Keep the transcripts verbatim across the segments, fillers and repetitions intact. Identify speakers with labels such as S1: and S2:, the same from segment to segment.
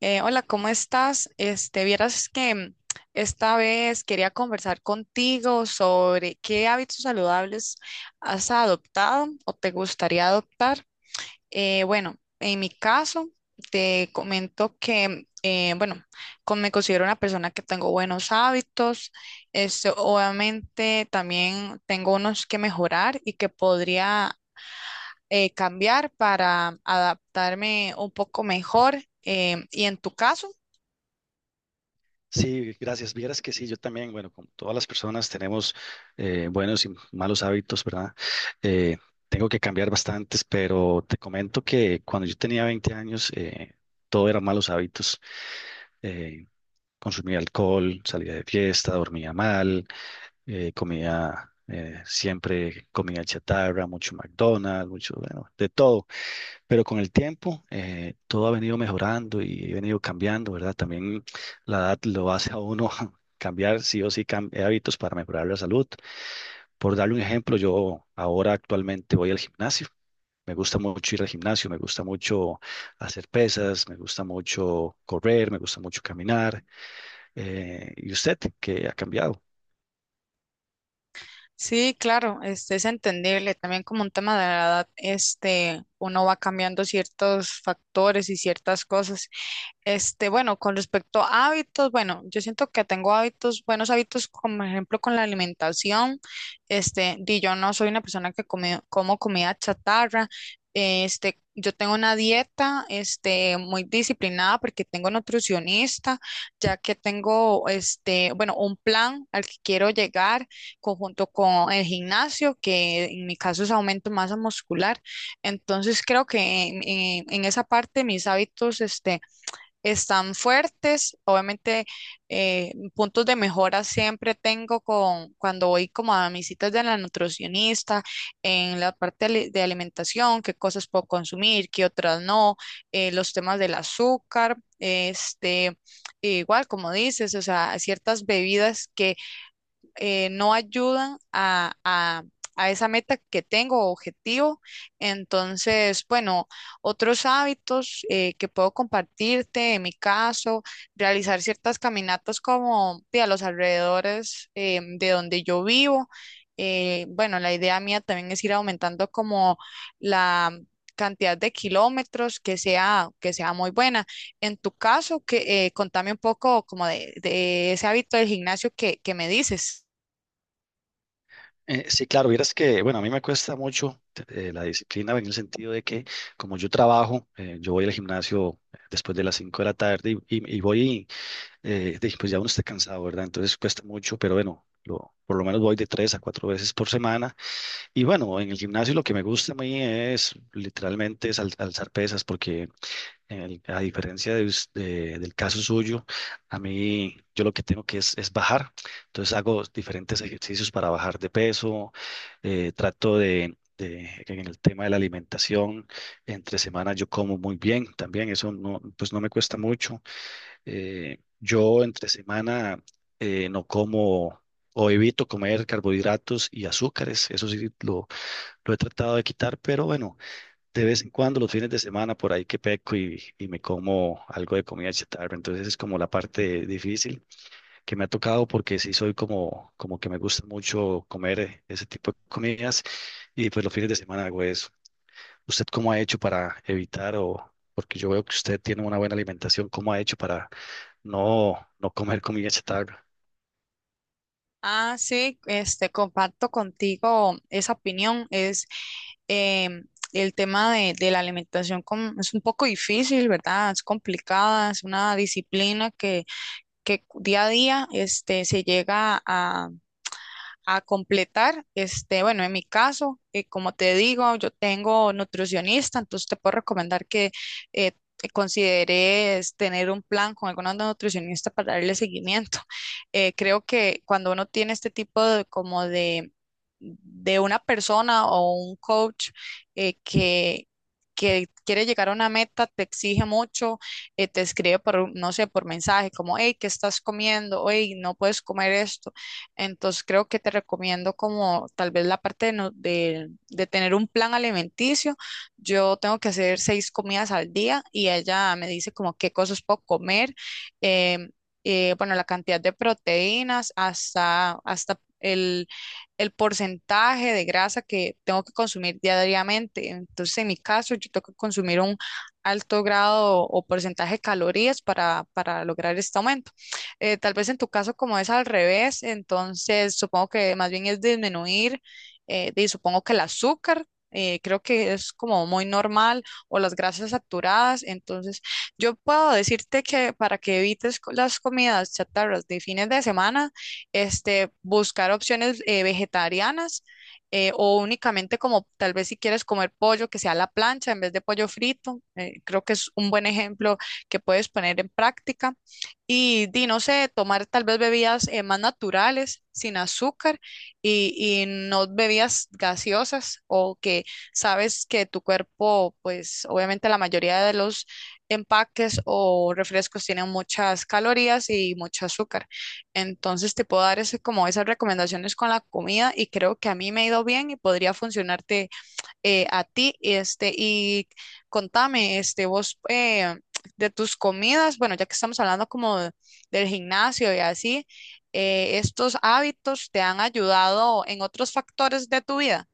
S1: Eh, hola, ¿cómo estás? Este, vieras que mm, esta vez quería conversar contigo sobre qué hábitos saludables has adoptado o te gustaría adoptar. Eh, bueno, en mi caso, te comento que, eh, bueno, con- me considero una persona que tengo buenos hábitos. Este, obviamente también tengo unos que mejorar y que podría eh, cambiar para adaptarme un poco mejor. Em, y en tu caso,
S2: Sí, gracias. Vieras que sí, yo también, bueno, como todas las personas tenemos eh, buenos y malos hábitos, ¿verdad? Eh, Tengo que cambiar bastantes, pero te comento que cuando yo tenía veinte años, eh, todo eran malos hábitos. Eh, Consumía alcohol, salía de fiesta, dormía mal, eh, comía eh, siempre comida chatarra, mucho McDonald's, mucho, bueno, de todo. Pero con el tiempo, eh, todo ha venido mejorando y he venido cambiando, ¿verdad? También la edad lo hace a uno cambiar sí o sí cam- eh, hábitos para mejorar la salud. Por darle un ejemplo, yo ahora actualmente voy al gimnasio. Me gusta mucho ir al gimnasio, me gusta mucho hacer pesas, me gusta mucho correr, me gusta mucho caminar. Eh, ¿y usted qué ha cambiado?
S1: sí, claro, este es entendible. También como un tema de la edad, este, uno va cambiando ciertos factores y ciertas cosas. Este, bueno, con respecto a hábitos, bueno, yo siento que tengo hábitos, buenos hábitos, como ejemplo con la alimentación. Este, di yo no soy una persona que come, como comida chatarra. Este, yo tengo una dieta, este, muy disciplinada porque tengo nutricionista, ya que tengo, este, bueno, un plan al que quiero llegar conjunto con el gimnasio, que en mi caso es aumento de masa muscular. Entonces creo que en, en en esa parte mis hábitos, este, están fuertes. Obviamente, eh, puntos de mejora siempre tengo con cuando voy como a mis citas de la nutricionista, en la parte ali- de alimentación, qué cosas puedo consumir, qué otras no, eh, los temas del azúcar, este, igual como dices, o sea, ciertas bebidas que eh, no ayudan a, a- a esa meta que tengo o objetivo. Entonces, bueno, otros hábitos eh, que puedo compartirte, en mi caso, realizar ciertas caminatas como de a los alrededores eh, de donde yo vivo. Eh, bueno, la idea mía también es ir aumentando como la cantidad de kilómetros que sea, que sea muy buena. En tu caso, que, eh, contame un poco como de, de ese hábito del gimnasio que, que me dices.
S2: Eh, sí, claro, vieras que, bueno, a mí me cuesta mucho eh, la disciplina en el sentido de que como yo trabajo, eh, yo voy al gimnasio después de las cinco de la tarde y, y- y voy eh, de- pues ya uno está cansado, ¿verdad? Entonces cuesta mucho, pero bueno, lo- por lo menos voy de tres a cuatro veces por semana. Y bueno, en el gimnasio lo que me gusta a mí es literalmente es al- alzar pesas, porque en el- a diferencia de us- de- del caso suyo, a mí yo lo que tengo que es, es bajar. Entonces hago diferentes ejercicios para bajar de peso, eh, trato de... de- en el tema de la alimentación, entre semana yo como muy bien también, eso no, pues no me cuesta mucho. Eh, yo entre semana eh, no como o evito comer carbohidratos y azúcares. Eso sí lo, lo he tratado de quitar, pero bueno, de vez en cuando los fines de semana por ahí que peco y, y me como algo de comida chatarra. Entonces es como la parte difícil que me ha tocado porque sí soy como, como que me gusta mucho comer eh, ese tipo de comidas y pues los fines de semana hago eso. ¿Usted cómo ha hecho para evitar o... Porque yo veo que usted tiene una buena alimentación. ¿Cómo ha hecho para, no, no comer comida chatarra?
S1: Ah, sí, este, comparto contigo esa opinión. Es em, el tema de, de la alimentación com- es un poco difícil, ¿verdad? Es complicada, es una disciplina que, que día a día este, se llega a, a completar. Este, bueno, en mi caso, eh, como te digo, yo tengo nutricionista, entonces te puedo recomendar que eh, te consideres tener un plan con alguna nutricionista para darle seguimiento. Eh, creo que cuando uno tiene este tipo de como de, de una persona o un coach eh, que que quiere llegar a una meta, te exige mucho, eh, te escribe por, no sé, por mensaje, como, hey, ¿qué estás comiendo? Hey, no puedes comer esto, entonces creo que te recomiendo como tal vez la parte de, no- de- de tener un plan alimenticio. Yo tengo que hacer seis comidas al día y ella me dice como qué cosas puedo comer, em, eh, bueno, la cantidad de proteínas hasta, hasta el, el porcentaje de grasa que tengo que consumir diariamente. Entonces en mi caso yo tengo que consumir un alto grado o porcentaje de calorías para, para lograr este aumento. Eh, tal vez en tu caso como es al revés, entonces supongo que más bien es disminuir, eh, y supongo que el azúcar, eh, creo que es como muy normal, o las grasas saturadas, entonces yo puedo decirte que para que evites co- las comidas chatarras de fines de semana, este, buscar opciones eh, vegetarianas. Eh, o únicamente como tal vez si quieres comer pollo que sea a la plancha en vez de pollo frito, eh, creo que es un buen ejemplo que puedes poner en práctica. Y, di, no sé, tomar tal vez bebidas eh, más naturales, sin azúcar y, y no bebidas gaseosas o que sabes que tu cuerpo, pues obviamente la mayoría de los empaques o refrescos tienen muchas calorías y mucho azúcar. Entonces te puedo dar ese, como esas recomendaciones con la comida y creo que a mí me ha ido bien y podría funcionarte eh, a ti. Este, y contame, este, vos eh, de tus comidas, bueno, ya que estamos hablando como de- del gimnasio y así, eh, ¿estos hábitos te han ayudado en otros factores de tu vida?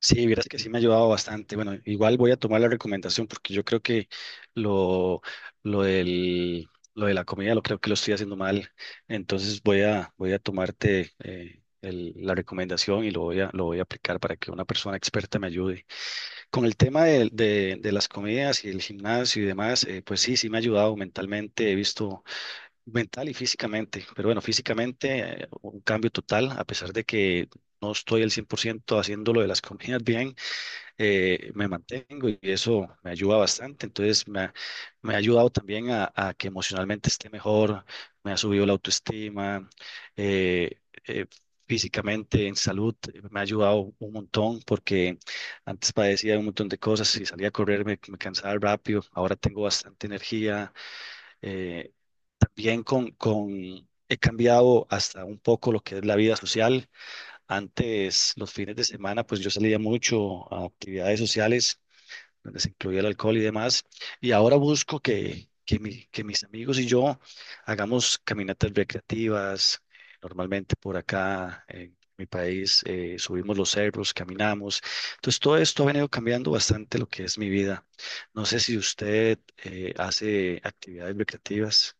S2: Sí, vieras que sí me ha ayudado bastante. Bueno, igual voy a tomar la recomendación porque yo creo que lo, lo del, lo de la comida lo creo que lo estoy haciendo mal. Entonces voy a, voy a tomarte eh, el- la recomendación y lo voy a, lo voy a aplicar para que una persona experta me ayude. Con el tema de, de- de las comidas y el gimnasio y demás, eh, pues sí, sí me ha ayudado mentalmente. He visto mental y físicamente, pero bueno, físicamente eh, un cambio total, a pesar de que no estoy al cien por ciento haciendo lo de las comidas bien, eh, me mantengo y eso me ayuda bastante, entonces me ha, me ha ayudado también a, a que emocionalmente esté mejor, me ha subido la autoestima, eh, eh, físicamente en salud eh, me ha ayudado un montón porque antes padecía un montón de cosas y salía a correr, me, me cansaba rápido, ahora tengo bastante energía eh, también con, con, he cambiado hasta un poco lo que es la vida social. Antes, los fines de semana, pues yo salía mucho a actividades sociales, donde se incluía el alcohol y demás. Y ahora busco que, que, mi- que mis amigos y yo hagamos caminatas recreativas. Normalmente por acá en mi país eh, subimos los cerros, caminamos. Entonces, todo esto ha venido cambiando bastante lo que es mi vida. No sé si usted eh, hace actividades recreativas.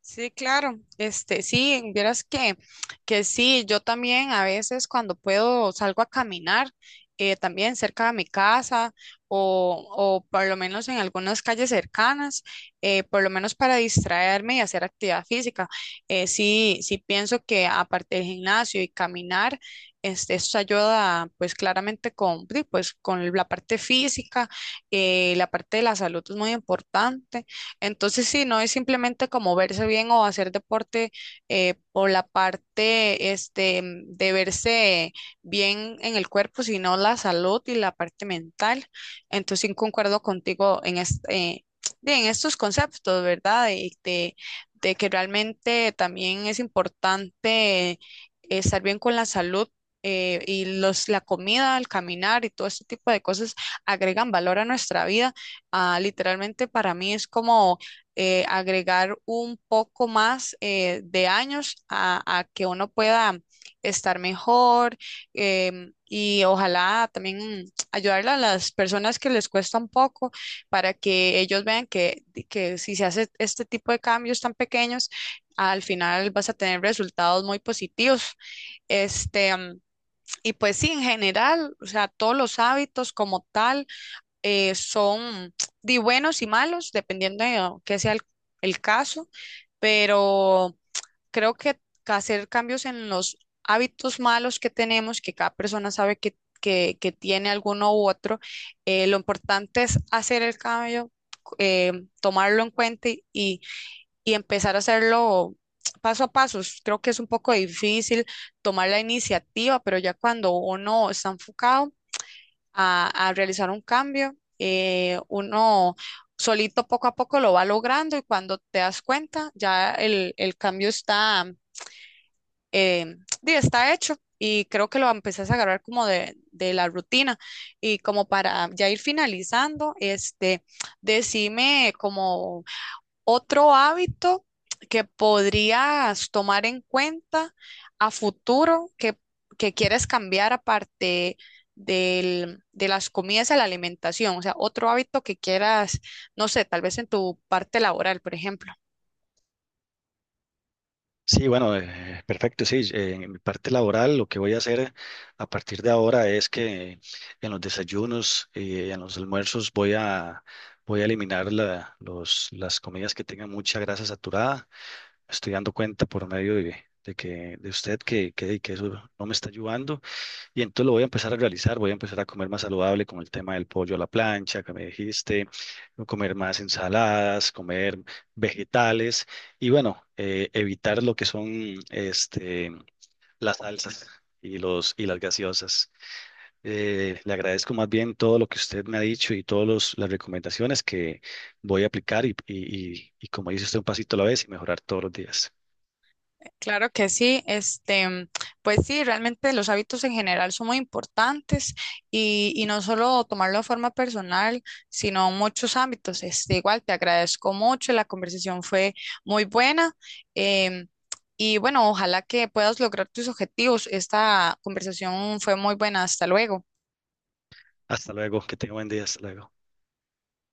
S1: Sí, claro. Este, sí, vieras que, que sí, yo también a veces cuando puedo salgo a caminar, eh, también cerca de mi casa o, o por lo menos en algunas calles cercanas, eh, por lo menos para distraerme y hacer actividad física. Eh, sí, sí pienso que aparte del gimnasio y caminar, este, eso ayuda pues claramente con, di, pues, con la parte física, eh, la parte de la salud es muy importante. Entonces, sí, no es simplemente como verse bien o hacer deporte eh, por la parte este, mm, de verse bien en el cuerpo, sino la salud y la parte mental. Entonces, sí, concuerdo contigo en, es- eh, de- en estos conceptos, ¿verdad? Y de, de que realmente también es importante estar bien con la salud. Eh, y los, la comida, el caminar y todo este tipo de cosas agregan valor a nuestra vida. Ah, literalmente para mí es como eh, agregar un poco más eh, de años a, a que uno pueda estar mejor, em, y ojalá también mm, ayudarle a las personas que les cuesta un poco para que ellos vean que, que si se hace este tipo de cambios tan pequeños, al final vas a tener resultados muy positivos. Este, mm, y pues sí, en general, o sea, todos los hábitos como tal eh, son de buenos y malos, dependiendo de oh, qué sea el, el caso, pero creo que hacer cambios en los hábitos malos que tenemos, que cada persona sabe que, que, que tiene alguno u otro, eh, lo importante es hacer el cambio, eh, tomarlo en cuenta y, y y empezar a hacerlo paso a paso. Creo que es un poco difícil tomar la iniciativa, pero ya cuando uno está enfocado, a, a realizar un cambio. Eh, uno solito poco a poco lo va logrando y cuando te das cuenta ya el, el cambio está, eh, di, está hecho y creo que lo empezás a agarrar como de, de la rutina y como para ya ir finalizando, este, decime como otro hábito que podrías tomar en cuenta a futuro que, que quieres cambiar aparte del- de las comidas a la alimentación, o sea, otro hábito que quieras, no sé, tal vez en tu parte laboral, por ejemplo.
S2: Sí, bueno, eh, perfecto, sí. eh, En mi parte laboral, lo que voy a hacer a partir de ahora es que en los desayunos y en los almuerzos voy a, voy a eliminar la- los, las comidas que tengan mucha grasa saturada. Estoy dando cuenta por medio de, de que, de usted que, que, que eso no me está ayudando. Y entonces lo voy a empezar a realizar, voy a empezar a comer más saludable con el tema del pollo a la plancha que me dijiste, comer más ensaladas, comer vegetales y bueno, eh, evitar lo que son este, las salsas y, los, y las gaseosas. Eh, le agradezco más bien todo lo que usted me ha dicho y todas las recomendaciones que voy a aplicar y, y, y, y como dice usted, un pasito a la vez y mejorar todos los días.
S1: Claro que sí, este, pues sí, realmente los hábitos en general son muy importantes y, y no solo tomarlo de forma personal, sino muchos ámbitos. Este, igual te agradezco mucho, la conversación fue muy buena, em, y bueno, ojalá que puedas lograr tus objetivos. Esta conversación fue muy buena, hasta luego.
S2: Hasta luego, que tenga buen día, hasta luego.